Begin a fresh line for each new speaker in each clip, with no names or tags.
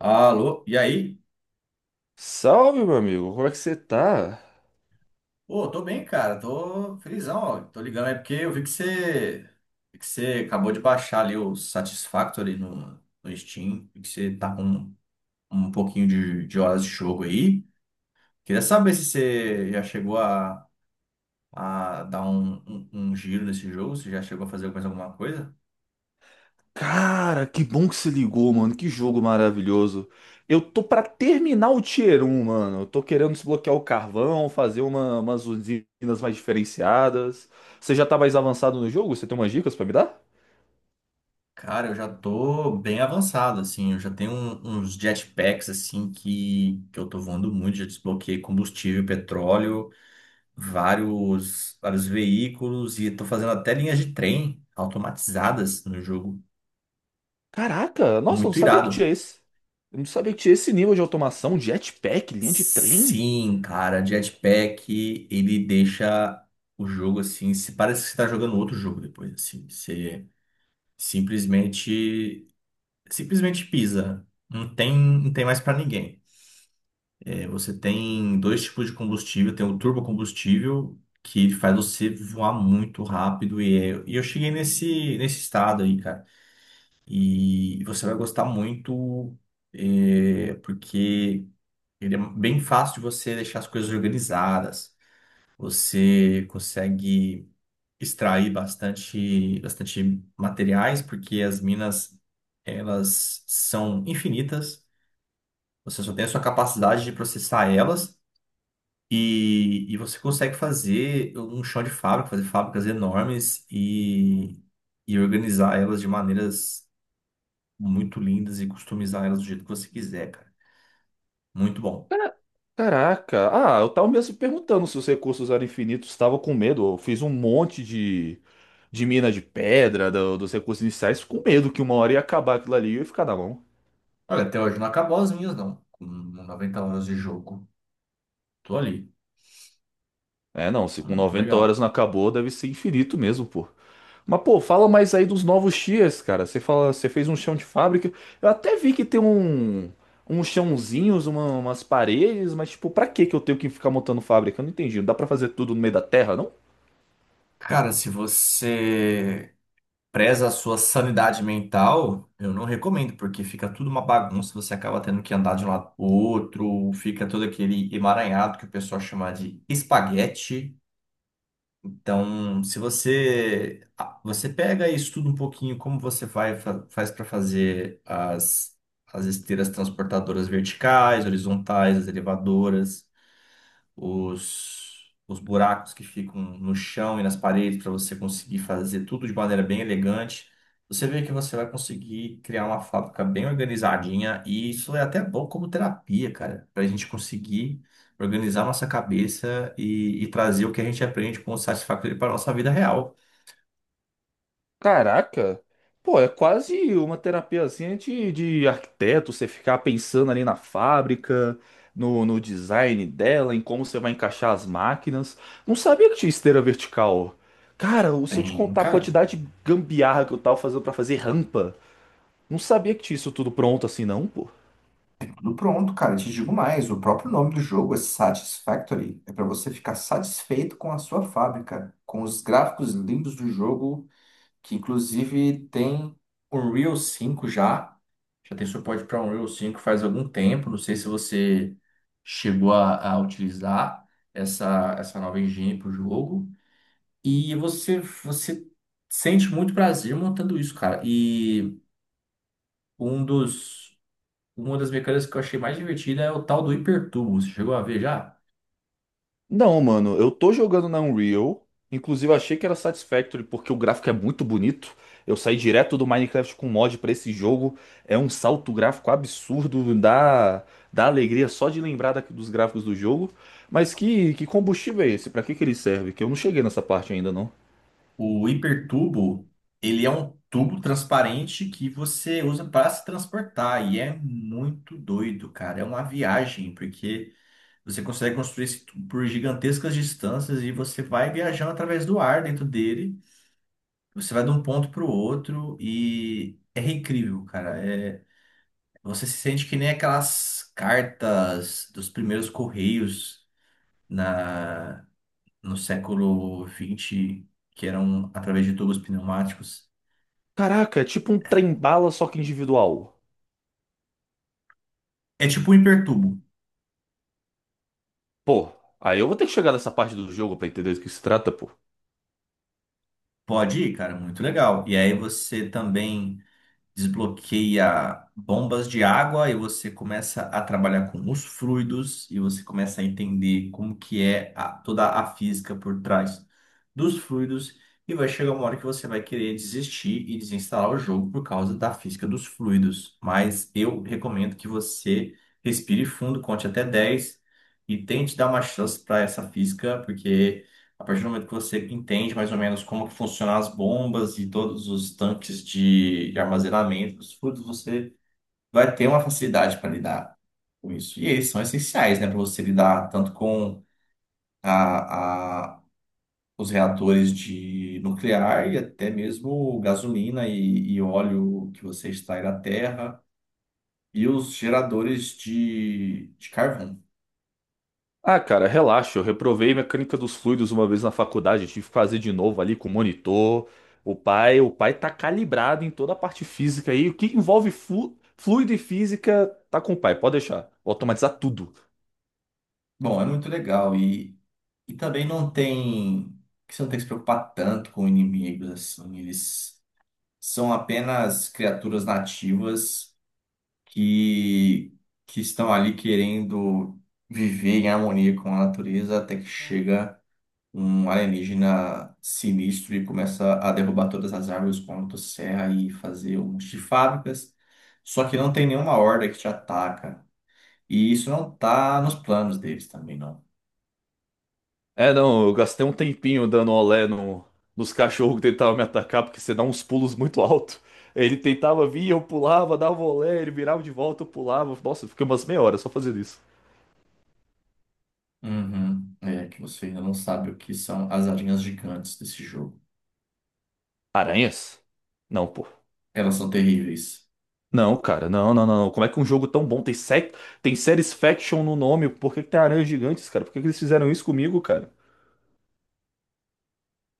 Alô, e aí?
Salve, meu amigo, como é que você tá?
Pô, tô bem, cara. Tô felizão, ó. Tô ligando aí porque eu vi que você acabou de baixar ali o Satisfactory no Steam. Vi que você tá com um pouquinho de horas de jogo aí. Queria saber se você já chegou a dar um giro nesse jogo, se já chegou a fazer mais alguma coisa.
Cara, que bom que você ligou, mano. Que jogo maravilhoso. Eu tô pra terminar o Tier 1, mano. Eu tô querendo desbloquear o carvão, fazer umas usinas mais diferenciadas. Você já tá mais avançado no jogo? Você tem umas dicas pra me dar?
Cara, eu já tô bem avançado, assim. Eu já tenho uns jetpacks, assim, que eu tô voando muito. Já desbloqueei combustível, petróleo. Vários veículos e estão fazendo até linhas de trem automatizadas no jogo.
Caraca, nossa, eu não
Muito
sabia que
irado.
tinha esse. Eu não sabia que tinha esse nível de automação, jetpack, linha de trem.
Sim, cara, jetpack, ele deixa o jogo assim, se parece que você tá jogando outro jogo depois, assim, você simplesmente simplesmente pisa. Não tem mais pra ninguém. É, você tem dois tipos de combustível, tem o turbocombustível que faz você voar muito rápido e eu cheguei nesse estado aí, cara. E você vai gostar muito, porque ele é bem fácil de você deixar as coisas organizadas. Você consegue extrair bastante materiais, porque as minas, elas são infinitas. Você só tem a sua capacidade de processar elas. E você consegue fazer um chão de fábrica, fazer fábricas enormes e organizar elas de maneiras muito lindas e customizar elas do jeito que você quiser, cara. Muito bom.
Caraca, ah, eu tava mesmo perguntando se os recursos eram infinitos, estava com medo. Eu fiz um monte de mina de pedra, dos recursos iniciais, com medo que uma hora ia acabar aquilo ali e eu ia ficar na mão.
Olha, até hoje não acabou as minhas, não. Com 90 horas de jogo, tô ali.
É, não, se com
Muito
90
legal.
horas não acabou, deve ser infinito mesmo, pô. Mas, pô, fala mais aí dos novos tiers, cara. Você fala, você fez um chão de fábrica. Eu até vi que tem um, uns chãozinhos, umas paredes, mas, tipo, pra que que eu tenho que ficar montando fábrica? Eu não entendi. Não dá pra fazer tudo no meio da terra, não?
Cara, se você preza a sua sanidade mental, eu não recomendo, porque fica tudo uma bagunça, você acaba tendo que andar de um lado pro outro, fica todo aquele emaranhado que o pessoal chama de espaguete. Então, se você ah, você pega e estuda um pouquinho como você vai faz para fazer as esteiras transportadoras verticais, horizontais, as elevadoras os buracos que ficam no chão e nas paredes para você conseguir fazer tudo de maneira bem elegante. Você vê que você vai conseguir criar uma fábrica bem organizadinha e isso é até bom como terapia, cara, para a gente conseguir organizar nossa cabeça e trazer o que a gente aprende com satisfatório para a nossa vida real.
Caraca! Pô, é quase uma terapiazinha de arquiteto, você ficar pensando ali na fábrica, no, no design dela, em como você vai encaixar as máquinas. Não sabia que tinha esteira vertical. Cara, se eu te
Tem,
contar a
cara,
quantidade de gambiarra que eu tava fazendo pra fazer rampa, não sabia que tinha isso tudo pronto assim, não, pô.
tudo pronto, cara. Te digo mais, o próprio nome do jogo é Satisfactory. É para você ficar satisfeito com a sua fábrica, com os gráficos lindos do jogo que inclusive tem Unreal 5 já. Já tem suporte para Unreal 5 faz algum tempo. Não sei se você chegou a utilizar essa nova engine para o jogo. E você sente muito prazer montando isso, cara. E um dos, uma das mecânicas que eu achei mais divertida é o tal do hipertubo. Você chegou a ver já?
Não, mano, eu tô jogando na Unreal. Inclusive, eu achei que era Satisfactory porque o gráfico é muito bonito. Eu saí direto do Minecraft com mod pra esse jogo. É um salto gráfico absurdo, dá alegria só de lembrar dos gráficos do jogo. Mas que combustível é esse? Pra que que ele serve? Que eu não cheguei nessa parte ainda, não.
O hipertubo, ele é um tubo transparente que você usa para se transportar e é muito doido, cara. É uma viagem, porque você consegue construir esse tubo por gigantescas distâncias e você vai viajando através do ar dentro dele. Você vai de um ponto para o outro e é incrível, cara. É... Você se sente que nem aquelas cartas dos primeiros correios na... no século XX que eram através de tubos pneumáticos.
Caraca, é tipo um trem-bala, só que individual.
É tipo um hipertubo.
Pô, aí eu vou ter que chegar nessa parte do jogo pra entender do que se trata, pô.
Pode ir, cara, muito legal. E aí você também desbloqueia bombas de água e você começa a trabalhar com os fluidos e você começa a entender como que é toda a física por trás dos fluidos e vai chegar uma hora que você vai querer desistir e desinstalar o jogo por causa da física dos fluidos. Mas eu recomendo que você respire fundo, conte até 10 e tente dar uma chance para essa física, porque a partir do momento que você entende mais ou menos como que funcionam as bombas e todos os tanques de armazenamento dos fluidos, você vai ter uma facilidade para lidar com isso. E eles são essenciais, né, para você lidar tanto com a, a- os reatores de nuclear e até mesmo gasolina e óleo que você extrai da terra e os geradores de carvão.
Ah, cara, relaxa. Eu reprovei mecânica dos fluidos uma vez na faculdade. Eu tive que fazer de novo ali com o monitor. O pai tá calibrado em toda a parte física aí. O que envolve fluido e física tá com o pai. Pode deixar. Vou automatizar tudo.
Bom, é muito legal. E também não tem. Que Você não tem que se preocupar tanto com inimigos, assim. Eles são apenas criaturas nativas que, que estão ali querendo viver em harmonia com a natureza até que chega um alienígena sinistro e começa a derrubar todas as árvores com a motosserra e fazer um monte de fábricas. Só que não tem nenhuma horda que te ataca. E isso não tá nos planos deles também, não.
É, não, eu gastei um tempinho dando olé nos cachorros que tentavam me atacar, porque você dá uns pulos muito alto. Ele tentava vir, eu pulava, dava olé, ele virava de volta, eu pulava. Nossa, eu fiquei umas meia hora só fazendo isso.
Uhum. É que você ainda não sabe o que são as aranhas gigantes desse jogo.
Aranhas? Não, pô.
Elas são terríveis,
Não, cara, não, não, não. Como é que um jogo tão bom tem tem séries faction no nome? Por que que tem aranhas gigantes, cara? Por que que eles fizeram isso comigo, cara?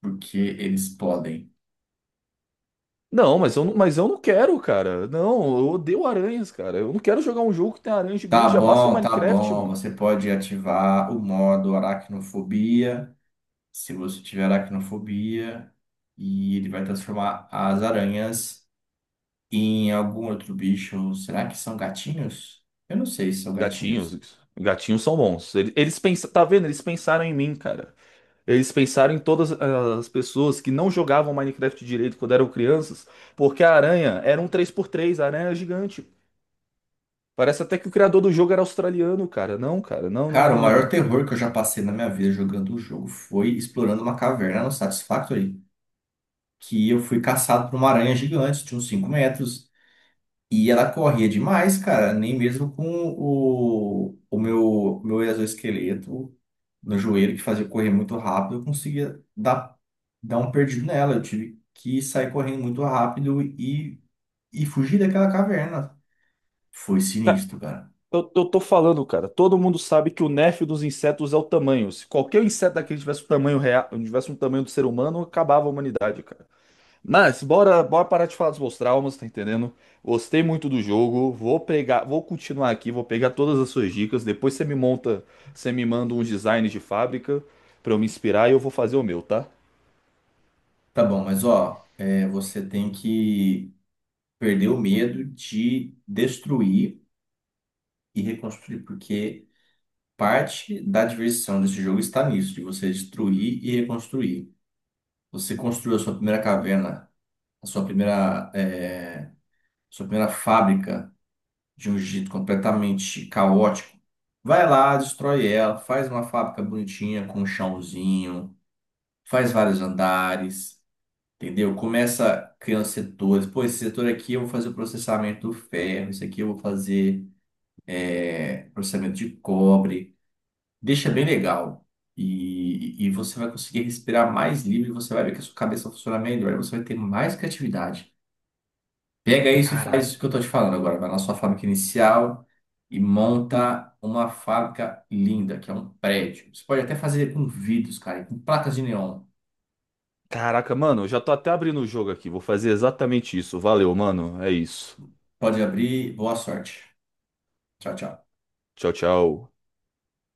porque eles podem.
Não, mas eu não quero, cara. Não, eu odeio aranhas, cara. Eu não quero jogar um jogo que tem aranha
Tá
gigante. Já basta o
bom, tá
Minecraft,
bom.
mano.
Você pode ativar o modo aracnofobia, se você tiver aracnofobia, e ele vai transformar as aranhas em algum outro bicho. Será que são gatinhos? Eu não sei se são gatinhos.
Gatinhos, gatinhos são bons. Eles, pensa- tá vendo? Eles pensaram em mim, cara. Eles pensaram em todas as pessoas que não jogavam Minecraft direito quando eram crianças, porque a aranha era um 3 por 3, a aranha era gigante. Parece até que o criador do jogo era australiano, cara. Não, cara, não,
Cara, o maior
não.
terror que eu já passei na minha vida jogando o jogo foi explorando uma caverna no Satisfactory, que eu fui caçado por uma aranha gigante, de uns 5 metros, e ela corria demais, cara, nem mesmo com meu exoesqueleto no joelho, que fazia eu correr muito rápido, eu conseguia dar um perdido nela. Eu tive que sair correndo muito rápido e fugir daquela caverna. Foi
Ca-
sinistro, cara.
eu tô falando, cara. Todo mundo sabe que o nerf dos insetos é o tamanho. Se qualquer inseto daquele tivesse o tamanho real, tivesse um tamanho do ser humano, acabava a humanidade, cara. Mas bora, bora parar de falar dos meus traumas, tá entendendo? Gostei muito do jogo. Vou pegar, vou continuar aqui, vou pegar todas as suas dicas. Depois você me monta, você me manda um design de fábrica pra eu me inspirar e eu vou fazer o meu, tá?
Tá bom, mas ó, é, você tem que perder o medo de destruir e reconstruir, porque parte da diversão desse jogo está nisso, de você destruir e reconstruir. Você construiu a sua primeira caverna, a sua primeira fábrica de um jeito completamente caótico. Vai lá, destrói ela, faz uma fábrica bonitinha com um chãozinho, faz vários andares, entendeu? Começa criando setores. Pô, esse setor aqui eu vou fazer o processamento do ferro, esse aqui eu vou fazer é, processamento de cobre. Deixa bem legal. E você vai conseguir respirar mais livre, você vai ver que a sua cabeça vai funcionar melhor, você vai ter mais criatividade. Pega isso e faz
Caraca,
isso que eu tô te falando agora. Vai na sua fábrica inicial e monta uma fábrica linda, que é um prédio. Você pode até fazer com vidros, cara, e com placas de neon.
Caraca, mano, eu já tô até abrindo o jogo aqui. Vou fazer exatamente isso. Valeu, mano. É isso.
Pode abrir, boa sorte. Tchau, tchau.
Tchau, tchau.